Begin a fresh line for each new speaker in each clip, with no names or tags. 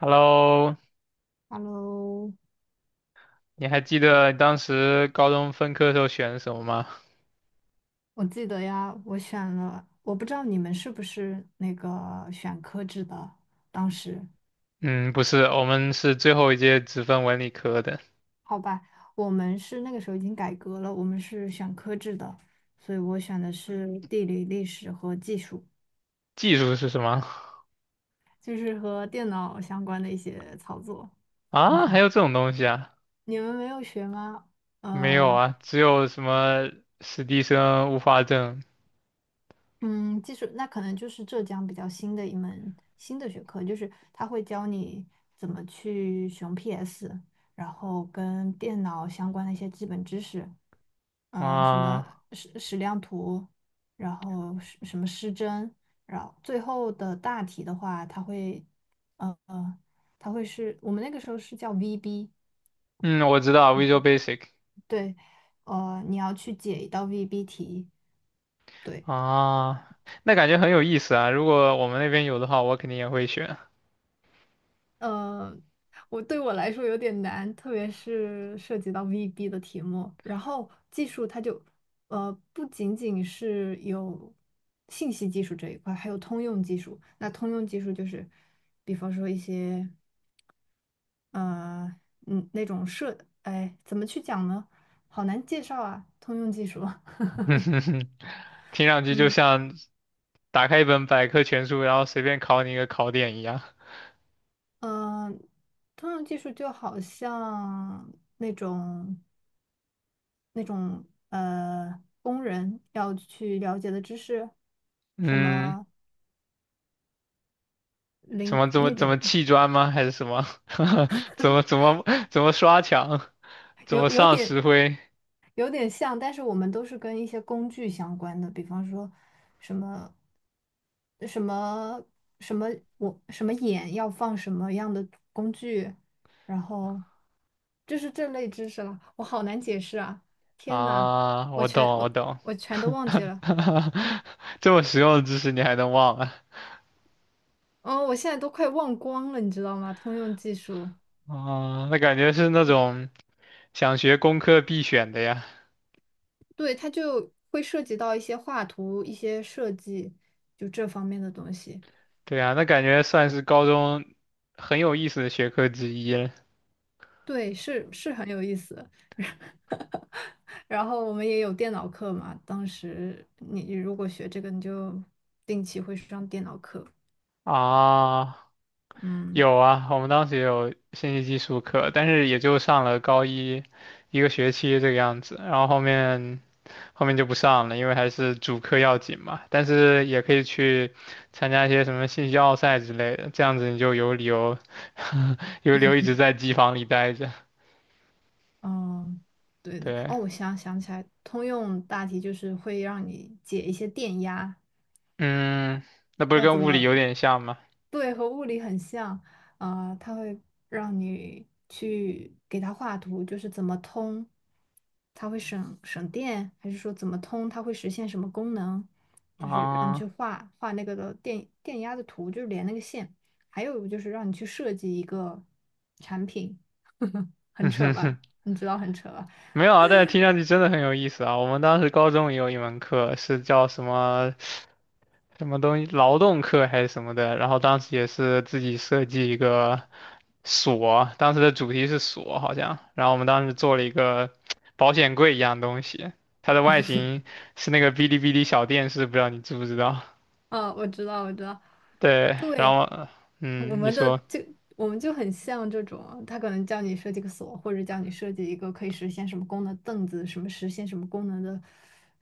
Hello，
Hello，
你还记得当时高中分科时候选什么吗？
我记得呀，我选了，我不知道你们是不是那个选科制的，当时，
嗯，不是，我们是最后一届只分文理科的。
好吧，我们是那个时候已经改革了，我们是选科制的，所以我选的是地理、历史和技术，
技术是什么？
就是和电脑相关的一些操作。
啊，还有这种东西啊？
你们没有学吗？
没有
呃，
啊，只有什么史蒂生、物化证
嗯，技术那可能就是浙江比较新的一门新的学科，就是它会教你怎么去使 PS，然后跟电脑相关的一些基本知识，嗯、什么
啊。
矢量图，然后什么失真，然后最后的大题的话，它会，呃，它会是我们那个时候是叫 VB，
嗯，我知道 Visual Basic。
对，你要去解一道 VB 题。对。
啊，那感觉很有意思啊。如果我们那边有的话，我肯定也会选。
呃，对我来说有点难，特别是涉及到 VB 的题目。然后技术它就，不仅仅是有信息技术这一块，还有通用技术。那通用技术就是，比方说一些，呃，那种设，哎，怎么去讲呢？好难介绍啊，通用技术。
听上去就
嗯
像打开一本百科全书，然后随便考你一个考点一样。
嗯，呃通用技术就好像那种。那种工人要去了解的知识，什
嗯。
么
什
零
么怎么
那
怎
种
么砌砖吗？还是什么？怎么怎么怎么刷墙？怎么
有有
上
点
石灰？
有点像，但是我们都是跟一些工具相关的，比方说什么什么什么什么眼要放什么样的工具，然后就是这类知识了，我好难解释啊！天呐，
啊，
我
我懂
全
我
我
懂。
我全都忘 记了。
这么实用的知识你还能忘啊？
哦，我现在都快忘光了，你知道吗？通用技术，
啊，那感觉是那种想学工科必选的呀。
对，它就会涉及到一些画图、一些设计，就这方面的东西。
对啊，那感觉算是高中很有意思的学科之一了
对，是很有意思。然后我们也有电脑课嘛，当时你如果学这个，你就定期会上电脑课。
啊。
嗯
有啊，我们当时也有信息技术课，但是也就上了高一一个学期这个样子，然后后面就不上了，因为还是主课要紧嘛。但是也可以去参加一些什么信息奥赛之类的，这样子你就有理由 有理由一直在机房里待着。
嗯，对的。
对，
哦，我想起来，通用大题就是会让你解一些电压，
嗯，那不是
要
跟
怎
物理有
么？
点像吗？
对，和物理很像，啊、它会让你去给它画图，就是怎么通，它会省电，还是说怎么通，它会实现什么功能，就是让你去
啊，
画画那个的电压的图，就是连那个线，还有就是让你去设计一个产品，很
嗯
扯
哼
吧？
哼。
你知道很扯吧？
没有啊，但是听上去真的很有意思啊。我们当时高中也有一门课是叫什么什么东西，劳动课还是什么的，然后当时也是自己设计一个锁，当时的主题是锁好像，然后我们当时做了一个保险柜一样东西，它的外形是那个哔哩哔哩小电视，不知道你知不知道？
啊，我知道，我知道，
对，然
对，
后
我
嗯，你
们的
说
就我们就很像这种啊，他可能叫你设计个锁，或者叫你设计一个可以实现什么功能的凳子，什么实现什么功能的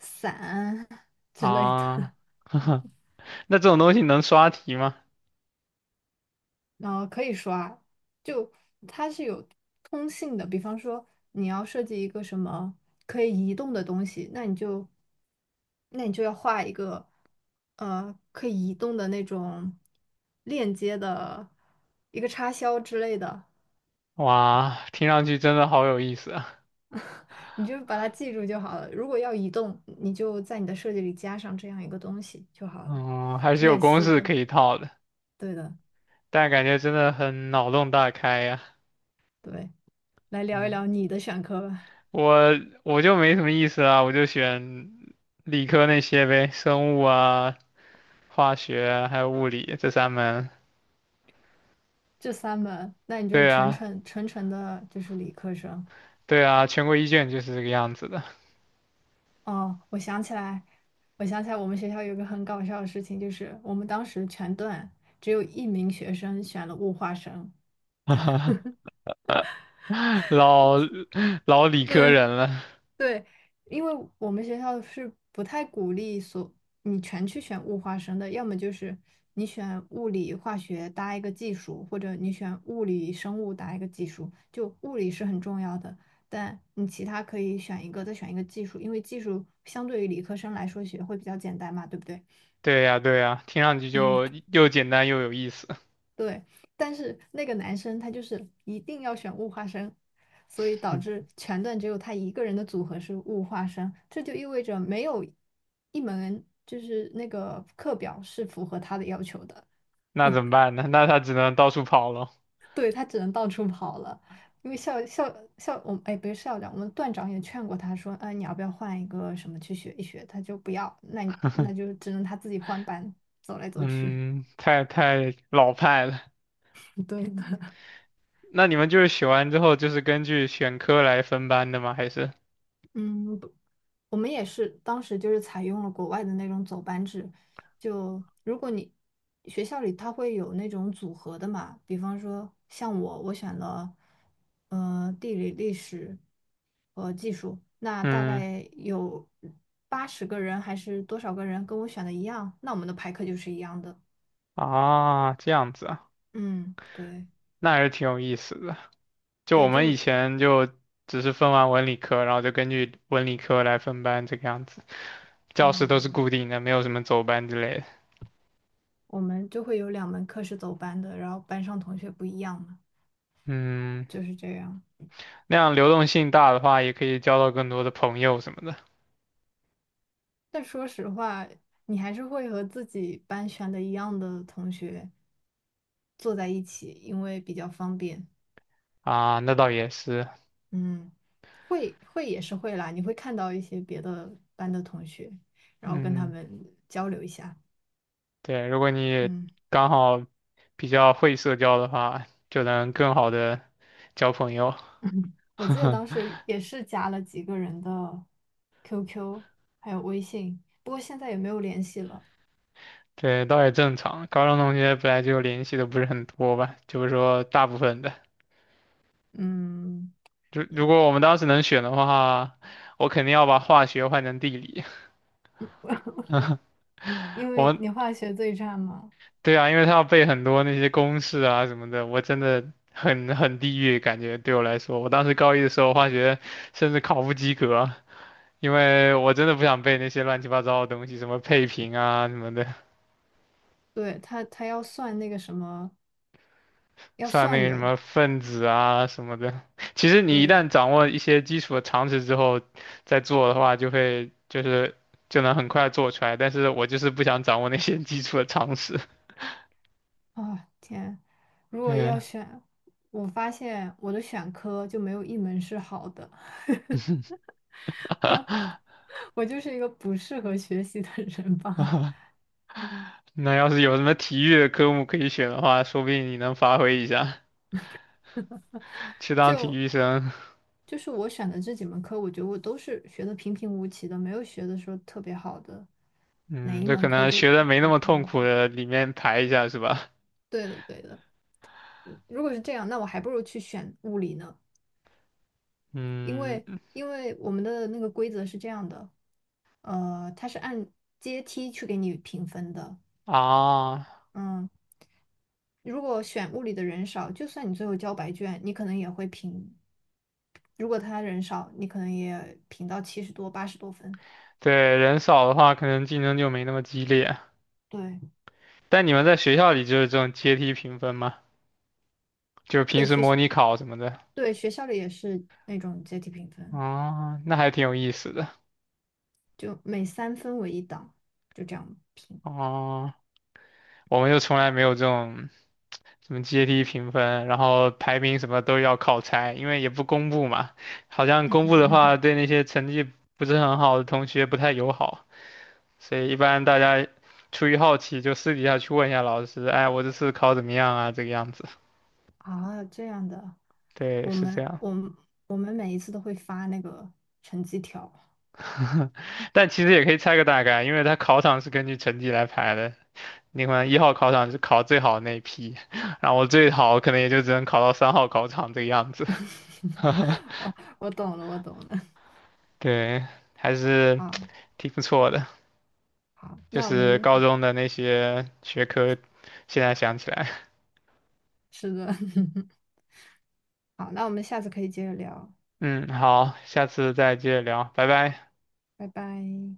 伞 之类
啊，
的。
那这种东西能刷题吗？
可以说啊，就它是有通信的。比方说，你要设计一个什么可以移动的东西，那你就，那你就要画一个，可以移动的那种链接的一个插销之类的，
哇，听上去真的好有意思啊，
你就把它记住就好了。如果要移动，你就在你的设计里加上这样一个东西就好了，
嗯，还是有
类
公
似
式
的，
可以套的，
对的，
但感觉真的很脑洞大开呀。
对。来聊一
嗯。
聊你的选科吧。
我我就没什么意思啊，我就选理科那些呗，生物啊、化学啊还有物理这三门。
这三门，那你就是
对
纯
啊，
纯纯纯的，就是理科生。
对啊，全国一卷就是这个样子的。
哦，我想起来，我想起来，我们学校有个很搞笑的事情，就是我们当时全段只有一名学生选了物化生，
老老理科
对，
人了。
对，因为我们学校是不太鼓励你全去选物化生的，要么就是你选物理化学搭一个技术，或者你选物理生物搭一个技术。就物理是很重要的，但你其他可以选一个，再选一个技术，因为技术相对于理科生来说学会比较简单嘛，对不对？
对呀，对呀，听上去
嗯，
就又简单又有意思。
对，但是那个男生他就是一定要选物化生，所以导致全段只有他一个人的组合是物化生，这就意味着没有一门就是那个课表是符合他的要求的，
那怎么办呢？那他只能到处跑了。
对，他只能到处跑了。因为校校校我们哎不是校长，我们段长也劝过他说，哎你要不要换一个什么去学一学？他就不要，那你那 就只能他自己换班走来走去。
嗯，太老派了。
对的，
那你们就是学完之后就是根据选科来分班的吗？还是？
嗯，我们也是当时就是采用了国外的那种走班制，就如果你学校里它会有那种组合的嘛，比方说像我，我选了地理、历史和技术，那大
嗯。
概有80个人还是多少个人跟我选的一样，那我们的排课就是一样的。
啊，这样子啊，
嗯，对
那还是挺有意思的。就我
对，
们以前就只是分完文理科，然后就根据文理科来分班这个样子，教室都是
嗯，
固定的，没有什么走班之类的。
我们就会有2门课是走班的，然后班上同学不一样嘛，
嗯，
就是这样。
那样流动性大的话，也可以交到更多的朋友什么的。
但说实话，你还是会和自己班选的一样的同学坐在一起，因为比较方便。
啊，那倒也是。
嗯，会也是会啦，你会看到一些别的班的同学，然后跟他
嗯，
们交流一下。
对，如果你
嗯，
刚好比较会社交的话，就能更好的交朋友。
我记得当时也是加了几个人的 QQ，还有微信，不过现在也没有联系了。
对，倒也正常。高中同学本来就联系的不是很多吧，就是说大部分的。
嗯，
如如
对，
果我们当时能选的话，我肯定要把化学换成地理。
因
我
为
们
你化学对战嘛，
对啊，因为他要背很多那些公式啊什么的，我真的很地狱，感觉对我来说，我当时高一的时候化学甚至考不及格啊，因为我真的不想背那些乱七八糟的东西，什么配平啊什么的。
对，他要算那个什么，要
算那
算
个什
的。
么分子啊什么的。其实你一
对，
旦掌握一些基础的常识之后，再做的话，就会就是就能很快做出来。但是我就是不想掌握那些基础的常识。
啊，天！如果要
对。
选，我发现我的选科就没有一门是好的，啊，我就是一个不适合学习的人吧。
那要是有什么体育的科目可以选的话，说不定你能发挥一下，去 当体
就
育生。
就是我选的这几门课，我觉得我都是学的平平无奇的，没有学的说特别好的哪
嗯，
一
这
门
可
课
能
就
学的没那么痛苦
嗯
的里面排一下是吧？
对的，对的。如果是这样，那我还不如去选物理呢，因为
嗯，
因为我们的那个规则是这样的，它是按阶梯去给你评分的，
啊，
嗯，如果选物理的人少，就算你最后交白卷，你可能也会评。如果他人少，你可能也评到70多、80多分。
对，人少的话，可能竞争就没那么激烈。
对
但你们在学校里就是这种阶梯评分吗？就是平
对，
时
学
模
习
拟考什么的？
对学校里也是那种阶梯评分，
哦，那还挺有意思的。
就每3分为一档，就这样评
哦，我们就从来没有这种什么阶梯评分，然后排名什么都要靠猜，因为也不公布嘛。好像公布的话，对那些成绩不是很好的同学不太友好，所以一般大家出于好奇就私底下去问一下老师，哎，我这次考怎么样啊？这个样子。
啊，这样的。
对，
我
是这
们
样。
我们我们每一次都会发那个成绩条。
但其实也可以猜个大概，因为他考场是根据成绩来排的。你可能一号考场是考最好的那一批，然后我最好可能也就只能考到三号考场这个样子。
哦，我懂了，我懂了。
对，还是
啊，
挺不错的。
好，
就
那我
是
们
高中的那些学科，现在想起来，
是的，好，那我们下次可以接着聊。
嗯，好，下次再接着聊，拜拜。
拜拜。